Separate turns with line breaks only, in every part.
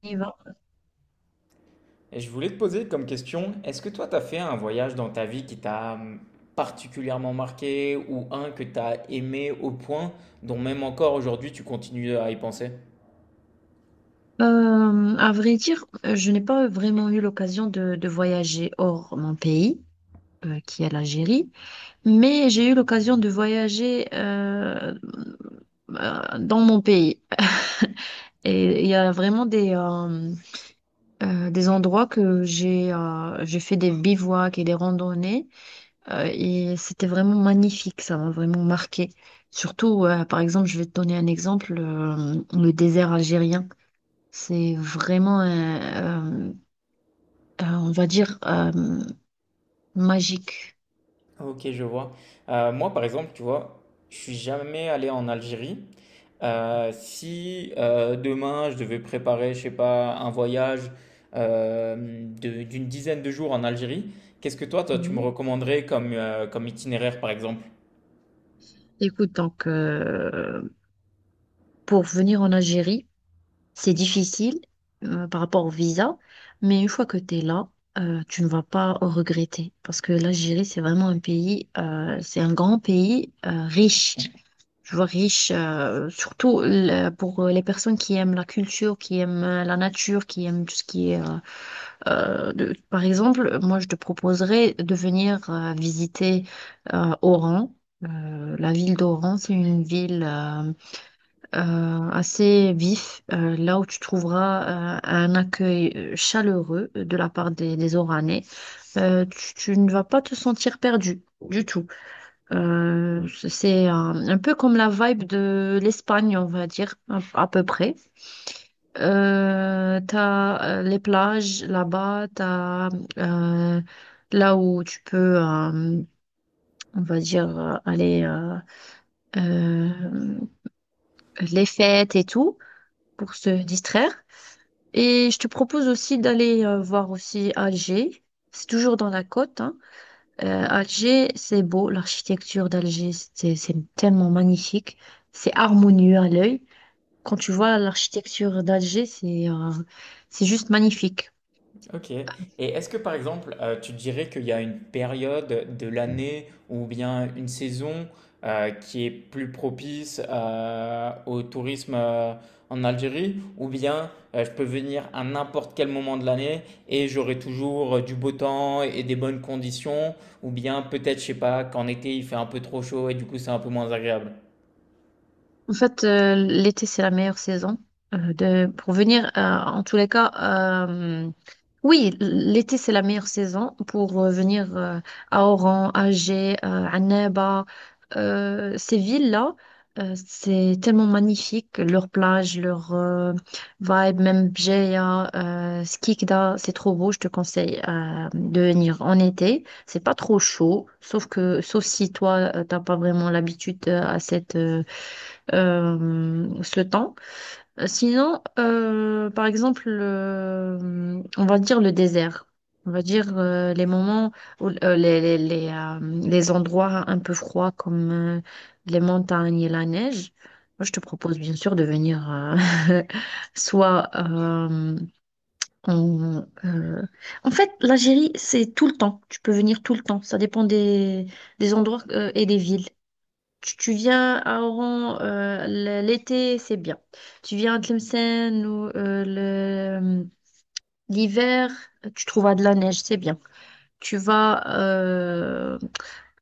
Y va.
Et je voulais te poser comme question, est-ce que toi, tu as fait un voyage dans ta vie qui t'a particulièrement marqué ou un que tu as aimé au point dont même encore aujourd'hui tu continues à y penser?
À vrai dire, je n'ai pas vraiment eu l'occasion de voyager hors mon pays, qui est l'Algérie, mais j'ai eu l'occasion de voyager dans mon pays. Et il y a vraiment des endroits que j'ai fait des bivouacs et des randonnées et c'était vraiment magnifique, ça m'a vraiment marqué. Surtout, par exemple, je vais te donner un exemple, le désert algérien. C'est vraiment, euh, on va dire, magique.
Ok, je vois. Moi, par exemple, tu vois, je suis jamais allé en Algérie. Si demain je devais préparer, je sais pas, un voyage d'une dizaine de jours en Algérie, qu'est-ce que toi, tu me
Oui.
recommanderais comme, comme itinéraire, par exemple?
Écoute, donc, pour venir en Algérie, c'est difficile par rapport au visa, mais une fois que tu es là, tu ne vas pas regretter parce que l'Algérie, c'est vraiment un pays, c'est un grand pays riche. Je vois riche, surtout pour les personnes qui aiment la culture, qui aiment la nature, qui aiment tout ce qui est euh. Par exemple, moi, je te proposerais de venir visiter Oran. La ville d'Oran, c'est une ville assez vif, là où tu trouveras un accueil chaleureux de la part des Oranais. Tu ne vas pas te sentir perdu du tout. C'est un peu comme la vibe de l'Espagne, on va dire, à peu près. T'as les plages là-bas, t'as euh, là où tu peux, on va dire, aller euh, les fêtes et tout pour se distraire. Et je te propose aussi d'aller voir aussi Alger. C'est toujours dans la côte, hein. Alger, c'est beau, l'architecture d'Alger, c'est tellement magnifique, c'est harmonieux à l'œil. Quand tu vois l'architecture d'Alger, c'est juste magnifique.
Ok. Et est-ce que par exemple, tu dirais qu'il y a une période de l'année ou bien une saison qui est plus propice au tourisme en Algérie, ou bien je peux venir à n'importe quel moment de l'année et j'aurai toujours du beau temps et des bonnes conditions, ou bien peut-être, je sais pas, qu'en été il fait un peu trop chaud et du coup c'est un peu moins agréable.
En fait, l'été, c'est la meilleure saison pour venir. En tous les cas, euh, oui, l'été, c'est la meilleure saison pour venir à Oran, à Alger, à Annaba. Ces villes-là, c'est tellement magnifique. Leur plage, leur vibe, même Bjeya, Skikda, c'est trop beau. Je te conseille de venir en été. C'est pas trop chaud, sauf si toi, t'as pas vraiment l'habitude à cette. Ce temps. Sinon, par exemple, on va dire le désert. On va dire les moments où les endroits un peu froids comme les montagnes et la neige. Moi, je te propose bien sûr de venir euh, soit euh, en, euh, en fait, l'Algérie, c'est tout le temps. Tu peux venir tout le temps. Ça dépend des endroits et des villes. Tu viens à Oran l'été, c'est bien. Tu viens à Tlemcen ou l'hiver, tu trouveras de la neige, c'est bien. Tu vas euh,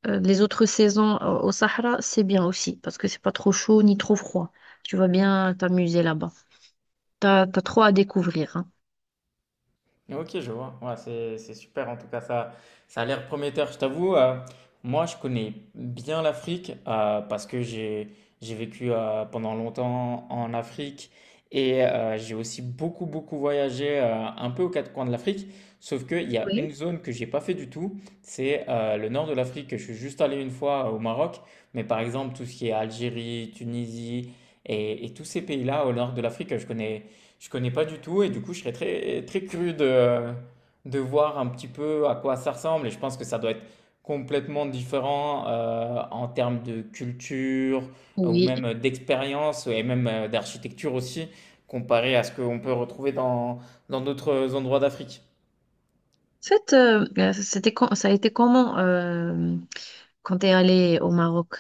euh, les autres saisons au Sahara, c'est bien aussi parce que c'est pas trop chaud ni trop froid. Tu vas bien t'amuser là-bas. T'as trop à découvrir. Hein.
Ok, je vois. Ouais, c'est super. En tout cas, ça a l'air prometteur. Je t'avoue, moi, je connais bien l'Afrique parce que j'ai vécu pendant longtemps en Afrique et j'ai aussi beaucoup beaucoup voyagé un peu aux quatre coins de l'Afrique. Sauf qu'il y a une
Oui.
zone que j'ai pas fait du tout, c'est le nord de l'Afrique. Je suis juste allé une fois au Maroc, mais par exemple tout ce qui est Algérie, Tunisie et, tous ces pays-là au nord de l'Afrique, je connais. Je connais pas du tout et du coup, je serais très, très curieux de voir un petit peu à quoi ça ressemble. Et je pense que ça doit être complètement différent en termes de culture ou
Oui.
même d'expérience et même d'architecture aussi, comparé à ce qu'on peut retrouver dans d'autres endroits d'Afrique.
En fait, ça a été comment quand t'es allé au Maroc?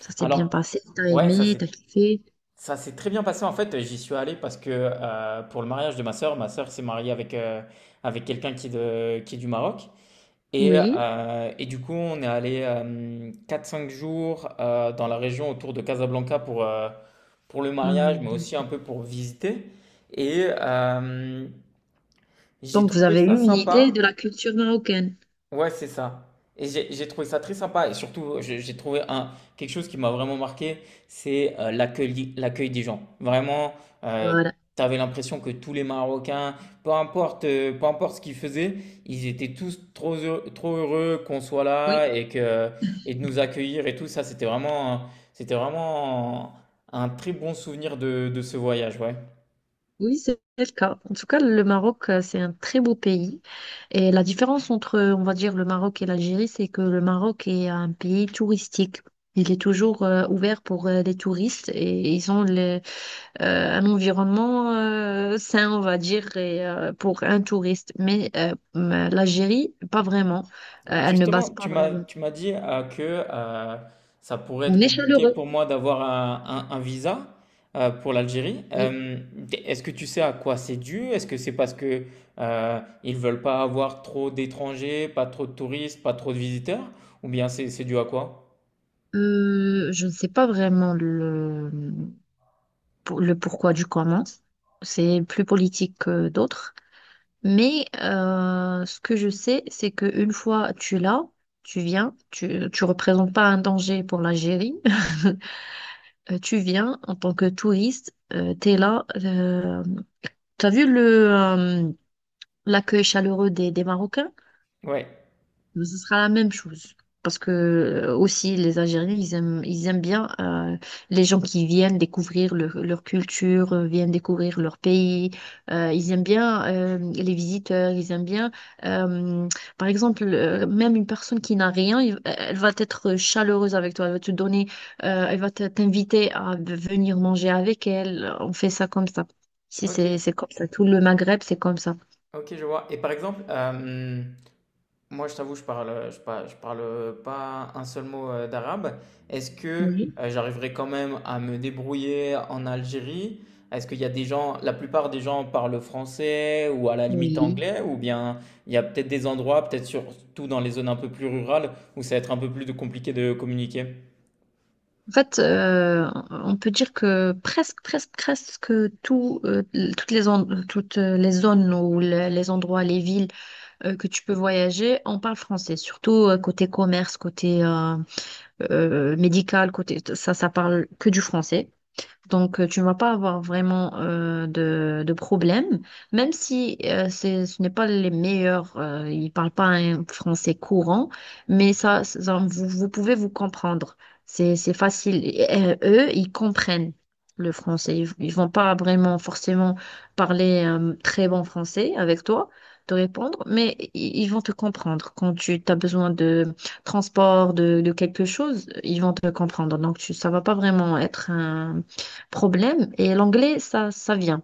Ça s'est bien
Alors,
passé? T'as
ouais, ça
aimé?
c'est.
T'as kiffé?
Ça s'est très bien passé en fait, j'y suis allé parce que pour le mariage de ma sœur s'est mariée avec, avec quelqu'un qui est du Maroc.
Oui.
Et du coup, on est allé 4-5 jours dans la région autour de Casablanca pour le mariage,
Hmm,
mais
donc
aussi un peu pour visiter. Et j'ai
donc, vous
trouvé
avez eu
ça
une idée de
sympa.
la culture marocaine.
Ouais, c'est ça. Et j'ai trouvé ça très sympa. Et surtout, j'ai trouvé un, quelque chose qui m'a vraiment marqué, c'est l'accueil, l'accueil des gens. Vraiment, euh,
Voilà.
t'avais l'impression que tous les Marocains, peu importe ce qu'ils faisaient, ils étaient tous trop heureux qu'on soit là
Oui,
et que, et de nous accueillir et tout ça. C'était c'était vraiment un très bon souvenir de ce voyage, ouais.
oui, c'est le cas. En tout cas, le Maroc, c'est un très beau pays. Et la différence entre, on va dire, le Maroc et l'Algérie, c'est que le Maroc est un pays touristique. Il est toujours ouvert pour les touristes et ils ont un environnement sain, on va dire, et, pour un touriste. Mais l'Algérie, pas vraiment. Elle ne base
Justement,
pas vraiment.
tu m'as dit que ça pourrait
On
être
est
compliqué
chaleureux.
pour moi d'avoir un visa pour l'Algérie.
Oui.
Est-ce que tu sais à quoi c'est dû? Est-ce que c'est parce que ils veulent pas avoir trop d'étrangers, pas trop de touristes, pas trop de visiteurs? Ou bien c'est dû à quoi?
Je ne sais pas vraiment le pourquoi du comment. C'est plus politique que d'autres. Mais ce que je sais, c'est qu'une fois tu l'as, tu viens, tu représentes pas un danger pour l'Algérie. Tu viens en tant que touriste, tu es là. Tu as vu le, l'accueil chaleureux des Marocains?
Ouais.
Mais ce sera la même chose. Parce que aussi, les Algériens, ils aiment bien les gens qui viennent découvrir leur culture, viennent découvrir leur pays. Ils aiment bien les visiteurs, ils aiment bien, euh, par exemple, même une personne qui n'a rien, elle va être chaleureuse avec toi, elle va te donner, elle va t'inviter à venir manger avec elle. On fait ça comme ça. Si
Ok,
c'est comme ça, tout le Maghreb, c'est comme ça.
ok, je vois. Et par exemple, moi, je t'avoue, je parle pas un seul mot d'arabe. Est-ce que
Oui,
j'arriverai quand même à me débrouiller en Algérie? Est-ce qu'il y a des gens, la plupart des gens parlent français ou à la limite
oui.
anglais, ou bien il y a peut-être des endroits, peut-être surtout dans les zones un peu plus rurales, où ça va être un peu plus de- compliqué de communiquer?
En fait, on peut dire que presque tout, toutes toutes les zones ou les endroits, les villes que tu peux voyager, on parle français, surtout côté commerce, côté médical, côté ça, ça parle que du français. Donc, tu ne vas pas avoir vraiment de problème, même si ce n'est pas les meilleurs, ils ne parlent pas un français courant, mais ça- vous pouvez vous comprendre. C'est facile. Et, eux, ils comprennent le français. Ils ne vont pas vraiment forcément parler un très bon français avec toi, te répondre, mais ils vont te comprendre. Quand tu as besoin de transport, de quelque chose, ils vont te comprendre. Donc, ça va pas vraiment être un problème. Et l'anglais, ça vient.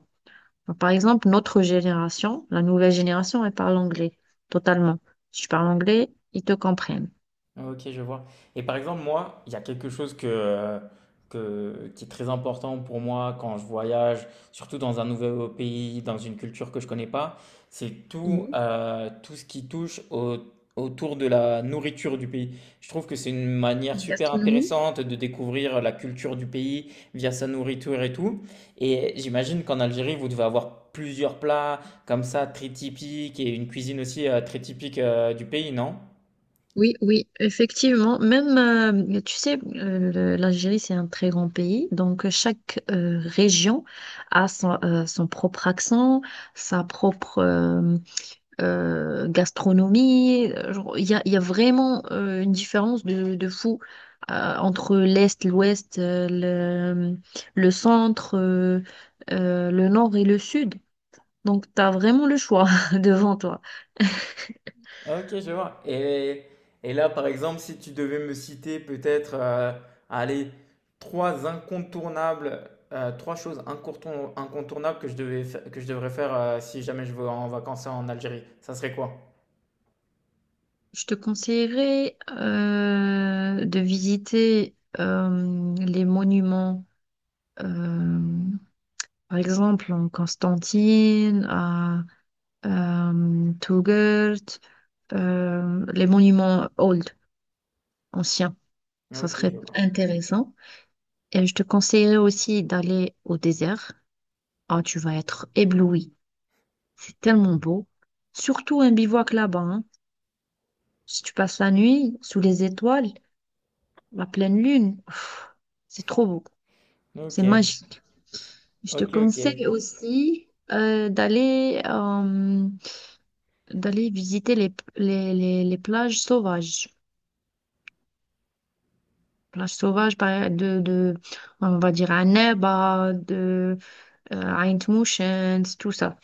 Par exemple, notre génération, la nouvelle génération, elle parle anglais totalement. Si tu parles anglais, ils te comprennent.
Ok, je vois. Et par exemple, moi, il y a quelque chose qui est très important pour moi quand je voyage, surtout dans un nouveau pays, dans une culture que je connais pas, c'est tout,
Mhm.
tout ce autour de la nourriture du pays. Je trouve que c'est une manière super
Gastronomie?
intéressante de découvrir la culture du pays via sa nourriture et tout. Et j'imagine qu'en Algérie, vous devez avoir plusieurs plats comme ça, très typiques, et une cuisine aussi très typique du pays, non?
Oui, oui, effectivement. Même, tu sais, l'Algérie, c'est un très grand pays. Donc, chaque région a son, son propre accent, sa propre, gastronomie. Genre, il y a, il y a vraiment une différence de fou entre l'Est, l'Ouest, le centre, le Nord et le Sud. Donc, tu as vraiment le choix devant toi.
Ah, ok, je vois. Et là, par exemple, si tu devais me citer peut-être, allez, trois incontournables, incontournables que que je devrais faire si jamais je vais en vacances en Algérie, ça serait quoi?
Je te conseillerais de visiter les monuments, euh, par exemple en Constantine, à Touggourt, les monuments old ancien. Ça
Ok,
serait
je vois.
intéressant. Et je te conseillerais aussi d'aller au désert. Ah, tu vas être ébloui. C'est tellement beau. Surtout un bivouac là-bas. Hein. Si tu passes la nuit sous les étoiles, la pleine lune, pff, c'est trop beau.
Ok,
C'est magique. Je te
ok, ok.
conseille aussi d'aller visiter les plages sauvages. Plages sauvages de, on va dire, à Neba, de à Intuitions, tout ça.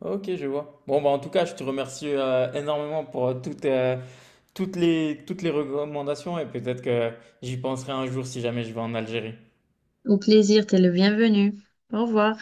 Ok, je vois. Bon, bah, en tout cas, je te remercie énormément pour toutes, toutes les recommandations et peut-être que j'y penserai un jour si jamais je vais en Algérie.
Au plaisir, t'es le bienvenu. Au revoir.